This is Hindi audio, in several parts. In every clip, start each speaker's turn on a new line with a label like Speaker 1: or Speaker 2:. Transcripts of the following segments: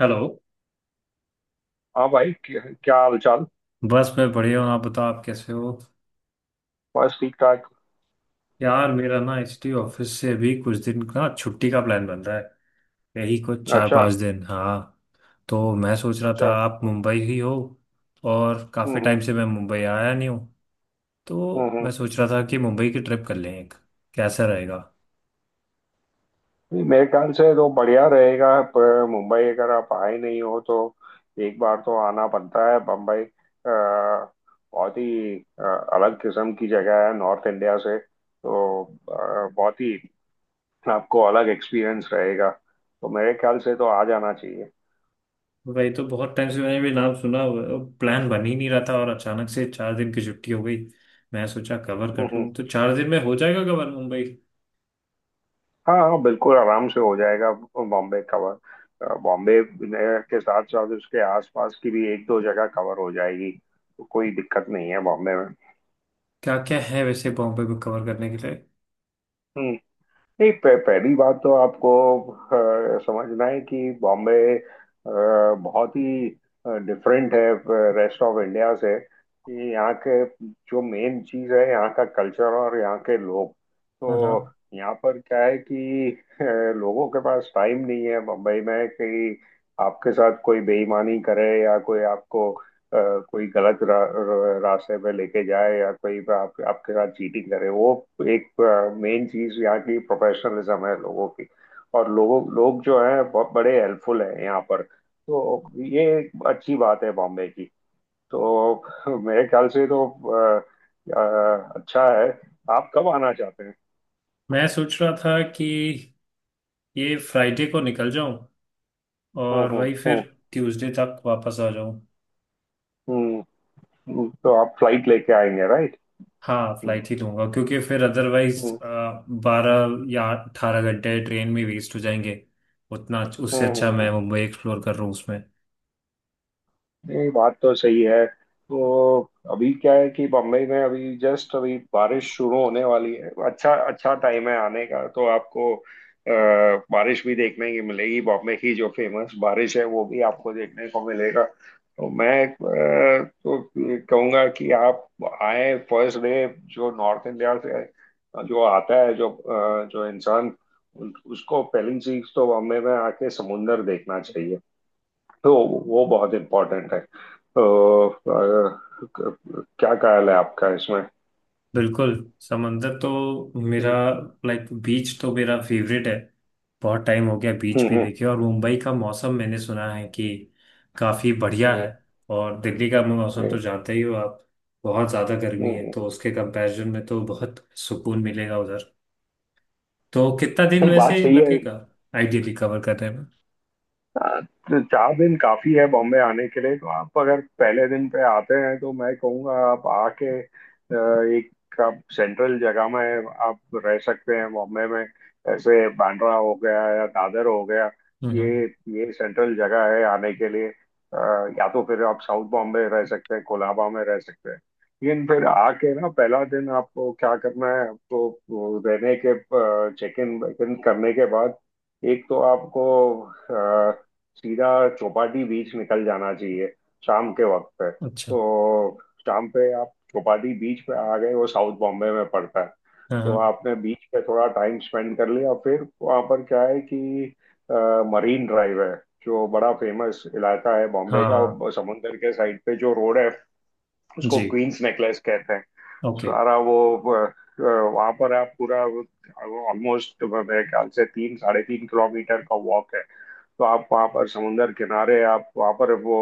Speaker 1: हेलो।
Speaker 2: हाँ भाई, क्या क्या हाल चाल।
Speaker 1: बस मैं बढ़िया हूँ, आप बताओ आप कैसे हो?
Speaker 2: बस ठीक ठाक।
Speaker 1: यार मेरा ना एचटी ऑफिस से अभी कुछ दिन का छुट्टी का प्लान बन रहा है। यही कुछ चार
Speaker 2: अच्छा।
Speaker 1: पांच दिन हाँ, तो मैं सोच रहा था
Speaker 2: अच्छा।
Speaker 1: आप
Speaker 2: हम्म
Speaker 1: मुंबई ही हो। और काफ़ी
Speaker 2: हम्म
Speaker 1: टाइम से मैं मुंबई आया नहीं हूँ,
Speaker 2: हम्म
Speaker 1: तो
Speaker 2: हम्म।
Speaker 1: मैं सोच रहा था कि मुंबई की ट्रिप कर लें एक। कैसा रहेगा?
Speaker 2: नहीं, मेरे ख्याल से तो बढ़िया रहेगा। पर मुंबई अगर आप आए नहीं हो तो एक बार तो आना बनता है। बम्बई बहुत ही अलग किस्म की जगह है, नॉर्थ इंडिया से तो बहुत ही आपको अलग एक्सपीरियंस रहेगा। तो मेरे ख्याल से तो आ जाना चाहिए।
Speaker 1: वही तो बहुत टाइम से मैंने भी नाम सुना, प्लान बन ही नहीं रहा था, और अचानक से 4 दिन की छुट्टी हो गई। मैं सोचा कवर
Speaker 2: हम्म,
Speaker 1: कर
Speaker 2: हम्म।
Speaker 1: लूँ, तो 4 दिन में हो जाएगा कवर मुंबई।
Speaker 2: हाँ हाँ, बिल्कुल आराम से हो जाएगा बॉम्बे कवर। बॉम्बे के साथ साथ उसके आसपास की भी एक दो जगह कवर हो जाएगी, तो कोई दिक्कत नहीं है बॉम्बे
Speaker 1: क्या क्या है वैसे बॉम्बे को कवर करने के लिए?
Speaker 2: में। नहीं, पहली बात तो आपको समझना है कि बॉम्बे बहुत ही डिफरेंट है रेस्ट ऑफ इंडिया से। कि यहाँ के जो मेन चीज़ है यहाँ का कल्चर और यहाँ के लोग।
Speaker 1: हाँ हाँ।
Speaker 2: तो यहाँ पर क्या है कि अ, लोगों के पास टाइम नहीं है मुंबई में, कि आपके साथ कोई बेईमानी करे या कोई आपको कोई गलत रास्ते में लेके जाए या कोई आपके साथ चीटिंग करे। वो एक मेन चीज यहाँ की प्रोफेशनलिज्म है लोगों की। और लोग जो है बहुत बड़े हेल्पफुल हैं यहाँ पर। तो ये एक अच्छी बात है बॉम्बे की। तो मेरे ख्याल से तो अ, अच्छा है। आप कब आना चाहते हैं?
Speaker 1: मैं सोच रहा था कि ये फ्राइडे को निकल जाऊं
Speaker 2: हम्म
Speaker 1: और
Speaker 2: हम्म
Speaker 1: वही फिर
Speaker 2: हम्म
Speaker 1: ट्यूसडे तक वापस आ जाऊं।
Speaker 2: हम्म। तो आप फ्लाइट लेके आएंगे, राइट?
Speaker 1: हाँ,
Speaker 2: हम्म
Speaker 1: फ्लाइट ही लूंगा क्योंकि फिर अदरवाइज
Speaker 2: हम्म
Speaker 1: 12 या 18 घंटे ट्रेन में वेस्ट हो जाएंगे। उतना उससे
Speaker 2: हम्म।
Speaker 1: अच्छा मैं मुंबई एक्सप्लोर कर रहा हूँ उसमें।
Speaker 2: नहीं बात तो सही है। तो अभी क्या है कि बम्बई में अभी जस्ट अभी बारिश शुरू होने वाली है, अच्छा अच्छा टाइम है आने का। तो आपको बारिश भी देखने की मिलेगी, बॉम्बे की जो फेमस बारिश है वो भी आपको देखने को मिलेगा। तो तो कहूँगा कि आप आए फर्स्ट डे। जो नॉर्थ इंडिया से जो आता है, जो जो इंसान, उसको पहली चीज तो बॉम्बे में आके समुंदर देखना चाहिए। तो वो बहुत इम्पोर्टेंट है। तो क्या ख्याल है आपका इसमें?
Speaker 1: बिल्कुल। समंदर तो मेरा।
Speaker 2: हम्म
Speaker 1: लाइक बीच तो मेरा फेवरेट है। बहुत टाइम हो गया बीच भी
Speaker 2: हम्म
Speaker 1: देखे, और मुंबई का मौसम मैंने सुना है कि काफ़ी बढ़िया
Speaker 2: हम्म
Speaker 1: है। और दिल्ली का मौसम तो
Speaker 2: हम्म,
Speaker 1: जानते ही हो आप, बहुत ज़्यादा
Speaker 2: हम्म,
Speaker 1: गर्मी है,
Speaker 2: हम्म।
Speaker 1: तो उसके कंपैरिजन में तो बहुत सुकून मिलेगा उधर। तो कितना दिन
Speaker 2: नहीं, बात
Speaker 1: वैसे
Speaker 2: सही है।
Speaker 1: लगेगा आइडियली कवर करने में?
Speaker 2: हाँ, तो 4 दिन काफी है बॉम्बे आने के लिए। तो आप अगर पहले दिन पे आते हैं तो मैं कहूँगा आप आके एक आप सेंट्रल जगह में आप रह सकते हैं बॉम्बे में, ऐसे बांद्रा हो गया या दादर हो गया।
Speaker 1: हम्म।
Speaker 2: ये ये सेंट्रल जगह है आने के लिए। या तो फिर आप साउथ बॉम्बे रह सकते हैं, कोलाबा में रह सकते हैं। लेकिन फिर आके ना पहला दिन आपको क्या करना है, आपको वो रहने के चेक इन वेक इन करने के बाद एक तो आपको सीधा चौपाटी बीच निकल जाना चाहिए शाम के वक्त पे।
Speaker 1: अच्छा।
Speaker 2: तो शाम पे आप चौपाटी बीच पे आ गए, वो साउथ बॉम्बे में पड़ता है।
Speaker 1: हाँ
Speaker 2: तो
Speaker 1: हाँ।
Speaker 2: आपने बीच पे थोड़ा टाइम स्पेंड कर लिया, फिर वहाँ पर क्या है कि अ, मरीन ड्राइव है, जो बड़ा फेमस इलाका है बॉम्बे
Speaker 1: हाँ
Speaker 2: का।
Speaker 1: हाँ,
Speaker 2: वो समुंदर के साइड पे जो रोड है उसको
Speaker 1: जी।
Speaker 2: क्वींस नेकलेस कहते हैं।
Speaker 1: ओके।
Speaker 2: सारा वो वहां पर आप पूरा ऑलमोस्ट मेरे ख्याल से 3 साढ़े 3 किलोमीटर का वॉक है। तो आप वहाँ पर समुंदर किनारे आप वहाँ पर वो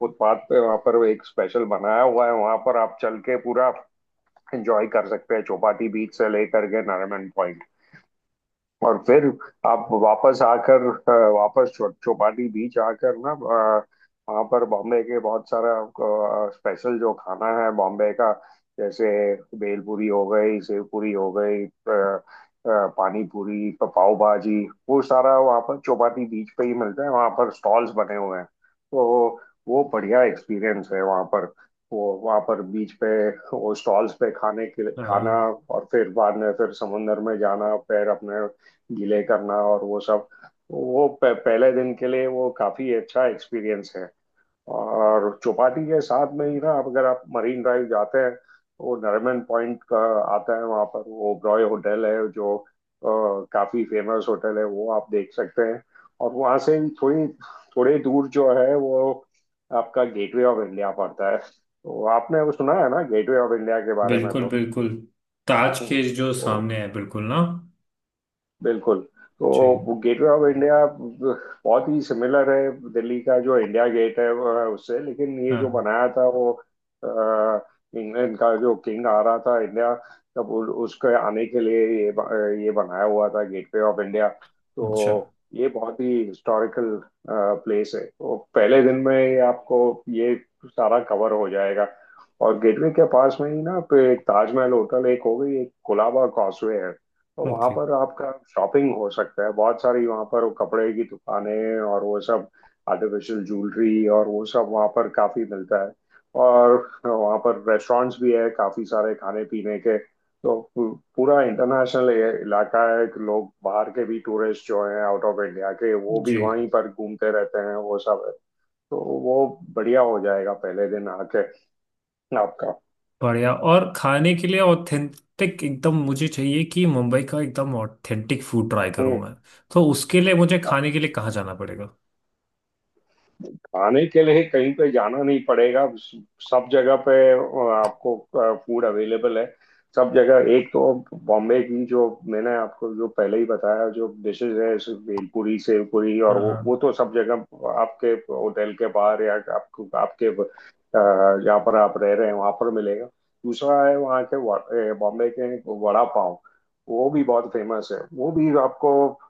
Speaker 2: फुटपाथ पे वहाँ पर एक स्पेशल बनाया हुआ है, वहाँ पर आप चल के पूरा एंजॉय कर सकते हैं चौपाटी बीच से लेकर के नारायण पॉइंट। और फिर आप वापस वापस चौपाटी बीच आकर ना, वहाँ पर बॉम्बे के बहुत सारा स्पेशल जो खाना है बॉम्बे का, जैसे भेलपूरी हो गई, सेव पूरी हो गई, पानी पूरी, पाव भाजी, वो सारा वहाँ पर चौपाटी बीच पे ही मिलता है। वहाँ पर स्टॉल्स बने हुए हैं, तो वो बढ़िया एक्सपीरियंस है वहाँ पर, वो वहाँ पर बीच पे वो स्टॉल्स पे खाने के लिए खाना।
Speaker 1: हाँ,
Speaker 2: और फिर बाद में फिर समुंदर में जाना फिर अपने गीले करना और वो सब, वो पहले दिन के लिए वो काफी अच्छा एक्सपीरियंस है। और चौपाटी के साथ में ही ना, आप अगर आप मरीन ड्राइव जाते हैं वो नरीमन पॉइंट का आता है, वहाँ पर वो ओबरॉय होटल है जो काफी फेमस होटल है वो आप देख सकते हैं। और वहाँ से ही थोड़ी थोड़ी दूर जो है वो आपका गेटवे ऑफ इंडिया पड़ता है। तो आपने वो सुना है ना गेटवे ऑफ इंडिया के बारे में
Speaker 1: बिल्कुल
Speaker 2: तो?
Speaker 1: बिल्कुल, ताज के जो
Speaker 2: तो
Speaker 1: सामने है बिल्कुल ना।
Speaker 2: बिल्कुल।
Speaker 1: जी।
Speaker 2: तो गेटवे ऑफ इंडिया बहुत ही सिमिलर है दिल्ली का जो इंडिया गेट है, वह उससे। लेकिन ये जो
Speaker 1: हाँ।
Speaker 2: बनाया था वो, अ, इंग्लैंड का जो किंग आ रहा था इंडिया, तब उसके आने के लिए ये ये बनाया हुआ था गेटवे ऑफ इंडिया।
Speaker 1: अच्छा।
Speaker 2: तो ये बहुत ही हिस्टोरिकल प्लेस है। तो पहले दिन में ही आपको ये सारा कवर हो जाएगा। और गेटवे के पास में ही ना पे ताजमहल होटल एक हो गई, एक कुलाबा कॉजवे है। तो वहां
Speaker 1: ओके।
Speaker 2: पर आपका शॉपिंग हो सकता है बहुत सारी, वहां पर वो कपड़े की दुकानें और वो सब, आर्टिफिशियल ज्वेलरी और वो सब वहां पर काफी मिलता है। और वहां पर रेस्टोरेंट्स भी है काफी सारे खाने पीने के। तो पूरा इंटरनेशनल इलाका है कि लोग बाहर के भी टूरिस्ट जो हैं आउट ऑफ इंडिया के वो भी
Speaker 1: जी।
Speaker 2: वहीं पर घूमते रहते हैं, वो सब है। तो वो बढ़िया हो जाएगा पहले दिन आके आपका।
Speaker 1: बढ़िया। और खाने के लिए ऑथेंटिक एकदम मुझे चाहिए कि मुंबई का एकदम ऑथेंटिक फूड ट्राई करूँ
Speaker 2: हम्म।
Speaker 1: मैं। तो उसके लिए मुझे खाने के लिए कहाँ जाना पड़ेगा?
Speaker 2: खाने के लिए कहीं पे जाना नहीं पड़ेगा, सब जगह पे आपको फूड अवेलेबल है सब जगह। एक तो बॉम्बे की जो मैंने आपको जो पहले ही बताया जो डिशेज है, जैसे भेलपुरी, सेवपुरी और
Speaker 1: हाँ
Speaker 2: वो
Speaker 1: हाँ।
Speaker 2: वो तो सब जगह आपके होटल के बाहर या आपको आपके, जहाँ पर आप रह रहे हैं वहां पर मिलेगा। दूसरा है वहाँ के बॉम्बे के वड़ा पाव। वो भी बहुत फेमस है। वो भी आपको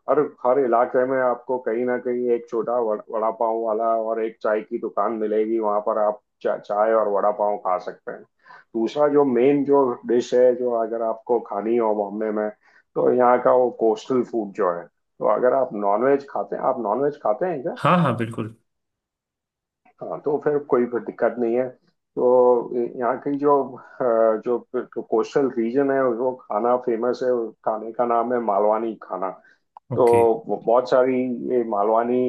Speaker 2: हर हर इलाके में आपको कहीं ना कहीं एक छोटा वड़ा पाव वाला और एक चाय की दुकान मिलेगी, वहां पर आप चाय और वड़ा पाव खा सकते हैं। दूसरा जो मेन जो डिश है जो अगर आपको खानी हो बॉम्बे में, तो यहाँ का वो कोस्टल फूड जो है। तो अगर आप नॉनवेज खाते हैं, आप नॉनवेज खाते हैं क्या?
Speaker 1: हाँ हाँ बिल्कुल।
Speaker 2: हाँ, तो फिर कोई फिर दिक्कत नहीं है। तो यहाँ की जो जो कोस्टल रीजन है वो खाना फेमस है, उस खाने का नाम है मालवानी खाना।
Speaker 1: ओके।
Speaker 2: तो बहुत सारी ये मालवानी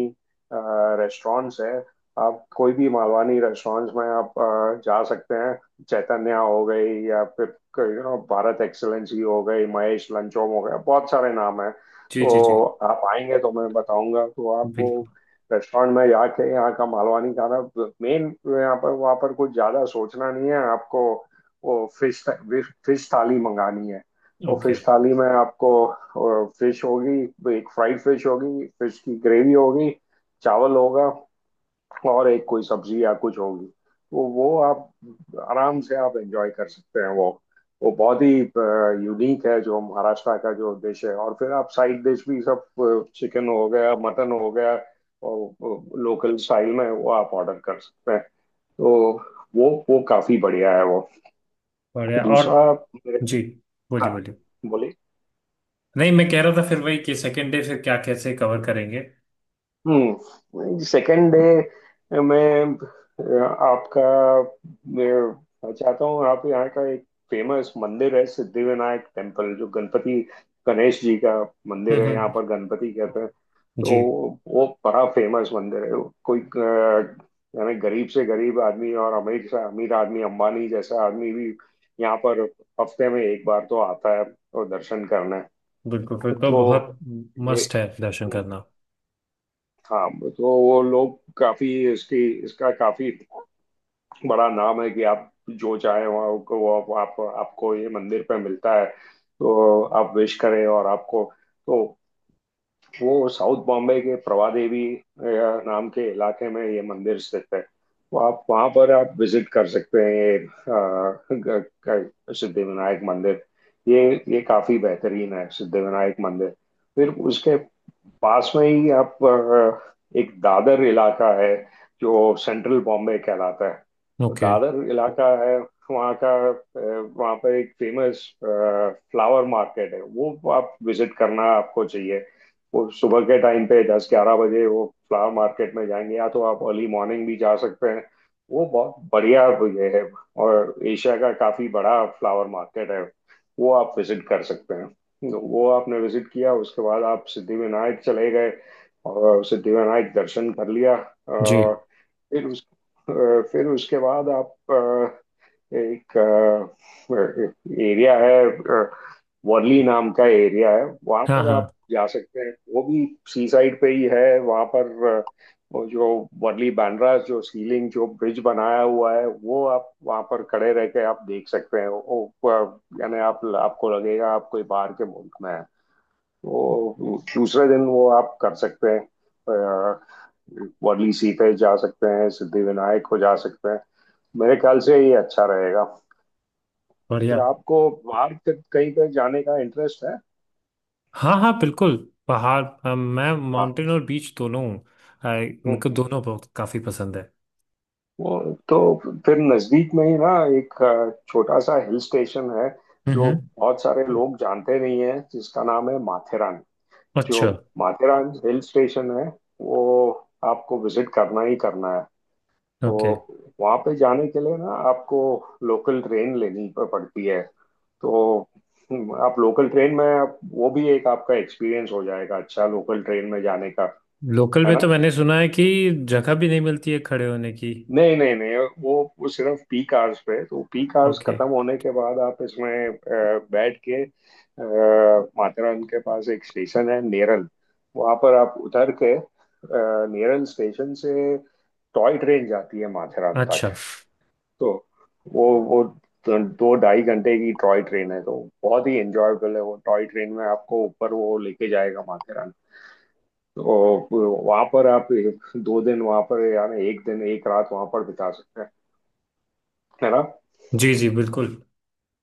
Speaker 2: रेस्टोरेंट्स हैं। आप कोई भी मालवानी रेस्टोरेंट्स में आप जा सकते हैं, चैतन्या हो गई, या फिर भारत एक्सेलेंसी हो गई, महेश लंचोम हो गया, बहुत सारे नाम हैं।
Speaker 1: जी जी जी।
Speaker 2: तो आप आएंगे तो मैं बताऊंगा तो आपको
Speaker 1: बिल्कुल।
Speaker 2: रेस्टोरेंट में जाके यहाँ का मालवानी खाना मेन। यहाँ पर वहाँ पर कुछ ज़्यादा सोचना नहीं है आपको, वो फिश फिश थाली मंगानी है। और
Speaker 1: ओके।
Speaker 2: फिश थाली में आपको फिश होगी, एक फ्राइड फिश होगी, फिश की ग्रेवी होगी, चावल होगा, और एक कोई सब्जी या कुछ होगी। तो वो आप आराम से आप एंजॉय कर सकते हैं वो बहुत ही यूनिक है जो महाराष्ट्र का जो डिश है। और फिर आप साइड डिश भी सब, चिकन हो गया, मटन हो गया, और लोकल स्टाइल में वो आप ऑर्डर कर सकते हैं। तो वो काफी बढ़िया है वो।
Speaker 1: बढ़िया। और
Speaker 2: दूसरा मेरे।
Speaker 1: जी, बोलिए
Speaker 2: हाँ,
Speaker 1: बोलिए।
Speaker 2: बोलिए।
Speaker 1: नहीं, मैं कह रहा था फिर वही कि सेकेंड डे फिर क्या कैसे कवर करेंगे।
Speaker 2: हम्म, सेकेंड डे। मैं अ, आपका मैं चाहता हूँ आप यहाँ का एक फेमस मंदिर है सिद्धिविनायक टेम्पल, जो गणपति गणेश जी का मंदिर है, यहाँ
Speaker 1: हम्म।
Speaker 2: पर गणपति कहते हैं। तो
Speaker 1: जी।
Speaker 2: वो बड़ा फेमस मंदिर है। कोई यानी गरीब से गरीब आदमी और अमीर से अमीर आदमी, अंबानी जैसा आदमी भी यहाँ पर हफ्ते में एक बार तो आता है और दर्शन करने।
Speaker 1: बिल्कुल, फिर तो
Speaker 2: तो
Speaker 1: बहुत
Speaker 2: ये,
Speaker 1: मस्ट है दर्शन
Speaker 2: हम्म,
Speaker 1: करना।
Speaker 2: हाँ। तो वो लोग काफी इसकी इसका काफी बड़ा नाम है कि आप जो चाहे वहाँ आपको वो आप आपको ये मंदिर पे मिलता है, तो आप विश करें और आपको तो। वो साउथ बॉम्बे के प्रभादेवी नाम के इलाके में ये मंदिर स्थित है, तो आप वहाँ पर आप विजिट कर सकते हैं ये सिद्धिविनायक मंदिर। ये काफी बेहतरीन है सिद्धिविनायक मंदिर। फिर उसके पास में ही आप एक दादर इलाका है जो सेंट्रल बॉम्बे कहलाता है। तो
Speaker 1: ओके।
Speaker 2: दादर इलाका है, वहाँ का वहाँ पर एक फेमस फ्लावर मार्केट है, वो आप विजिट करना आपको चाहिए। वो सुबह के टाइम पे 10 11 बजे वो फ्लावर मार्केट में जाएंगे, या तो आप अर्ली मॉर्निंग भी जा सकते हैं। वो बहुत बढ़िया ये है, और एशिया का काफी बड़ा फ्लावर मार्केट है, वो आप विजिट कर सकते हैं। तो वो आपने विजिट किया, उसके बाद आप सिद्धिविनायक चले गए और सिद्धिविनायक दर्शन कर लिया।
Speaker 1: जी।
Speaker 2: फिर उस फिर उसके बाद आप एक एरिया है, वर्ली नाम का एरिया है, वहां
Speaker 1: हाँ
Speaker 2: पर आप
Speaker 1: हाँ।
Speaker 2: जा सकते हैं। वो भी सी साइड पे ही है। वहां पर वो जो वर्ली बांद्रा जो सीलिंग जो ब्रिज बनाया हुआ है, वो आप वहां पर खड़े रह के आप देख सकते हैं वो। यानी आप आपको लगेगा आप कोई बाहर के मुल्क में है। वो दूसरे दिन वो आप कर सकते हैं, अ, वर्ली सी पे जा सकते हैं, सिद्धि विनायक को जा सकते हैं। मेरे ख्याल से ये अच्छा रहेगा।
Speaker 1: बढ़िया।
Speaker 2: फिर आपको बाहर कहीं पे जाने का इंटरेस्ट है?
Speaker 1: हाँ हाँ बिल्कुल। पहाड़, मैं माउंटेन और बीच दोनों हूँ। मेरे को
Speaker 2: हम्म,
Speaker 1: दोनों बहुत काफ़ी पसंद है।
Speaker 2: वो तो फिर नजदीक में ही ना एक छोटा सा हिल स्टेशन है जो
Speaker 1: हम्म।
Speaker 2: बहुत सारे लोग जानते नहीं है, जिसका नाम है माथेरान। जो
Speaker 1: अच्छा।
Speaker 2: माथेरान हिल स्टेशन है, वो आपको विजिट करना ही करना है। तो
Speaker 1: ओके।
Speaker 2: वहाँ पे जाने के लिए ना आपको लोकल ट्रेन लेनी पड़ती है। तो आप लोकल ट्रेन में वो भी एक आपका एक्सपीरियंस हो जाएगा अच्छा लोकल ट्रेन में जाने का,
Speaker 1: लोकल
Speaker 2: है
Speaker 1: में
Speaker 2: ना?
Speaker 1: तो मैंने सुना है कि जगह भी नहीं मिलती है खड़े होने की।
Speaker 2: नहीं नहीं नहीं, वो वो सिर्फ पीक आवर्स पे है। तो पीक आवर्स
Speaker 1: ओके।
Speaker 2: खत्म होने के बाद आप इसमें बैठ के माथेरान के पास एक स्टेशन है नेरल, वहां पर आप उतर के, नेरल स्टेशन से टॉय ट्रेन जाती है माथेरान
Speaker 1: अच्छा।
Speaker 2: तक। तो वो 2 2 ढाई घंटे की टॉय ट्रेन है, तो बहुत ही एंजॉयबल है। वो टॉय ट्रेन में आपको ऊपर वो लेके जाएगा माथेरान। तो वहां पर आप 2 दिन वहां पर, यानी 1 दिन 1 रात वहां पर बिता सकते हैं, है ना?
Speaker 1: जी जी बिल्कुल।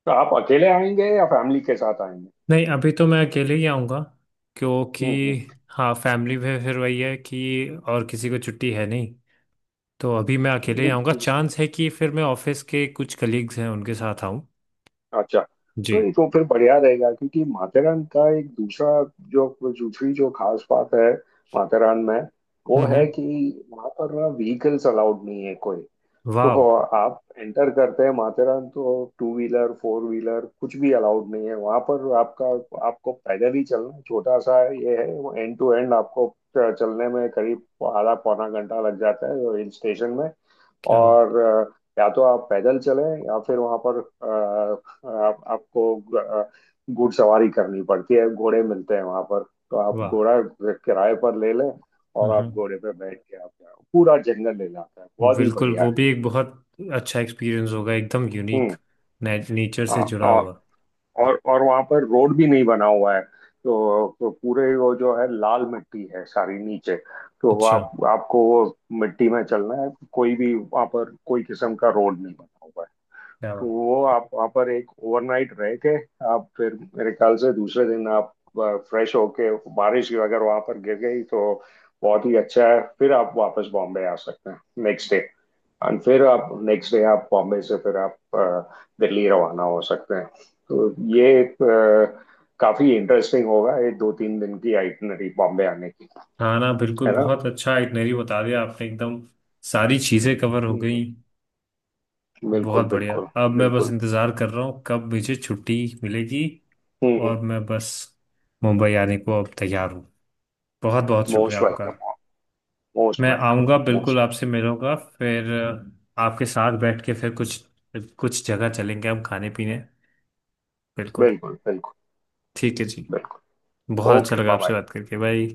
Speaker 2: तो आप अकेले आएंगे या फैमिली के साथ आएंगे?
Speaker 1: नहीं, अभी तो मैं अकेले ही आऊँगा क्योंकि,
Speaker 2: हम्म
Speaker 1: हाँ, फैमिली में फिर वही है कि और किसी को छुट्टी है नहीं। तो अभी मैं अकेले ही
Speaker 2: हम्म।
Speaker 1: आऊँगा, चांस है कि फिर मैं ऑफिस के कुछ कलीग्स हैं उनके साथ आऊँ।
Speaker 2: अच्छा,
Speaker 1: जी।
Speaker 2: तो ये तो फिर बढ़िया रहेगा क्योंकि माथेरान का एक दूसरा जो, दूसरी जो खास बात है माथेरान में वो है
Speaker 1: हम्म।
Speaker 2: कि वहां पर ना व्हीकल्स अलाउड नहीं है कोई। तो
Speaker 1: वाह।
Speaker 2: आप एंटर करते हैं माथेरान, तो टू व्हीलर फोर व्हीलर कुछ भी अलाउड नहीं है वहां पर। आपका, आपको पैदल ही चलना है। छोटा सा ये है, वो एंड टू एंड आपको चलने में करीब आधा पौना घंटा लग जाता है हिल स्टेशन में।
Speaker 1: क्या।
Speaker 2: और या तो आप पैदल चलें या फिर वहां पर, अ, आप, आपको ग- अ, घुड़सवारी करनी पड़ती है, घोड़े मिलते हैं वहां पर। तो आप
Speaker 1: वाह।
Speaker 2: घोड़ा किराए पर ले लें,
Speaker 1: हाँ
Speaker 2: और आप
Speaker 1: हाँ,
Speaker 2: घोड़े पे बैठ के आप पूरा जंगल ले जाता है, बहुत ही
Speaker 1: बिल्कुल
Speaker 2: बढ़िया
Speaker 1: वो भी
Speaker 2: है।
Speaker 1: एक बहुत अच्छा एक्सपीरियंस होगा एकदम यूनिक,
Speaker 2: हम्म।
Speaker 1: नेचर से
Speaker 2: हाँ,
Speaker 1: जुड़ा
Speaker 2: और
Speaker 1: हुआ।
Speaker 2: और और वहां पर रोड भी नहीं बना हुआ है तो, पूरे वो जो है, लाल मिट्टी है सारी नीचे। तो
Speaker 1: अच्छा।
Speaker 2: आप आपको वो मिट्टी में चलना है, कोई भी वहां पर कोई किस्म का रोड नहीं बना हुआ है।
Speaker 1: क्या
Speaker 2: तो
Speaker 1: बात।
Speaker 2: वो आप वहाँ पर एक ओवरनाइट रह के आप फिर मेरे ख्याल से दूसरे दिन आप फ्रेश होके, बारिश की अगर वहाँ पर गिर गई तो बहुत ही अच्छा है, फिर आप वापस बॉम्बे आ सकते हैं नेक्स्ट डे। एंड फिर आप नेक्स्ट डे आप बॉम्बे से फिर आप दिल्ली रवाना हो सकते हैं। तो ये एक काफी इंटरेस्टिंग होगा, ये 2-3 दिन की आइटनरी बॉम्बे आने की,
Speaker 1: हाँ ना,
Speaker 2: है
Speaker 1: बिल्कुल
Speaker 2: ना?
Speaker 1: बहुत अच्छा इटनरी बता दिया आपने एकदम, सारी चीज़ें कवर हो
Speaker 2: हम्म,
Speaker 1: गई। बहुत
Speaker 2: बिल्कुल
Speaker 1: बढ़िया।
Speaker 2: बिल्कुल
Speaker 1: अब मैं बस
Speaker 2: बिल्कुल।
Speaker 1: इंतज़ार कर रहा हूँ कब मुझे छुट्टी मिलेगी, और मैं बस मुंबई आने को अब तैयार हूँ। बहुत बहुत शुक्रिया
Speaker 2: मोस्ट
Speaker 1: आपका।
Speaker 2: वेलकम। मोस्ट
Speaker 1: मैं
Speaker 2: वेलकम।
Speaker 1: आऊँगा बिल्कुल,
Speaker 2: मोस्ट।
Speaker 1: आपसे मिलूंगा फिर, आपके साथ बैठ के फिर कुछ कुछ जगह चलेंगे हम खाने पीने। बिल्कुल।
Speaker 2: बिल्कुल बिल्कुल
Speaker 1: ठीक है जी।
Speaker 2: बिल्कुल।
Speaker 1: बहुत अच्छा
Speaker 2: ओके
Speaker 1: लगा
Speaker 2: बाय
Speaker 1: आपसे
Speaker 2: बाय।
Speaker 1: बात करके भाई।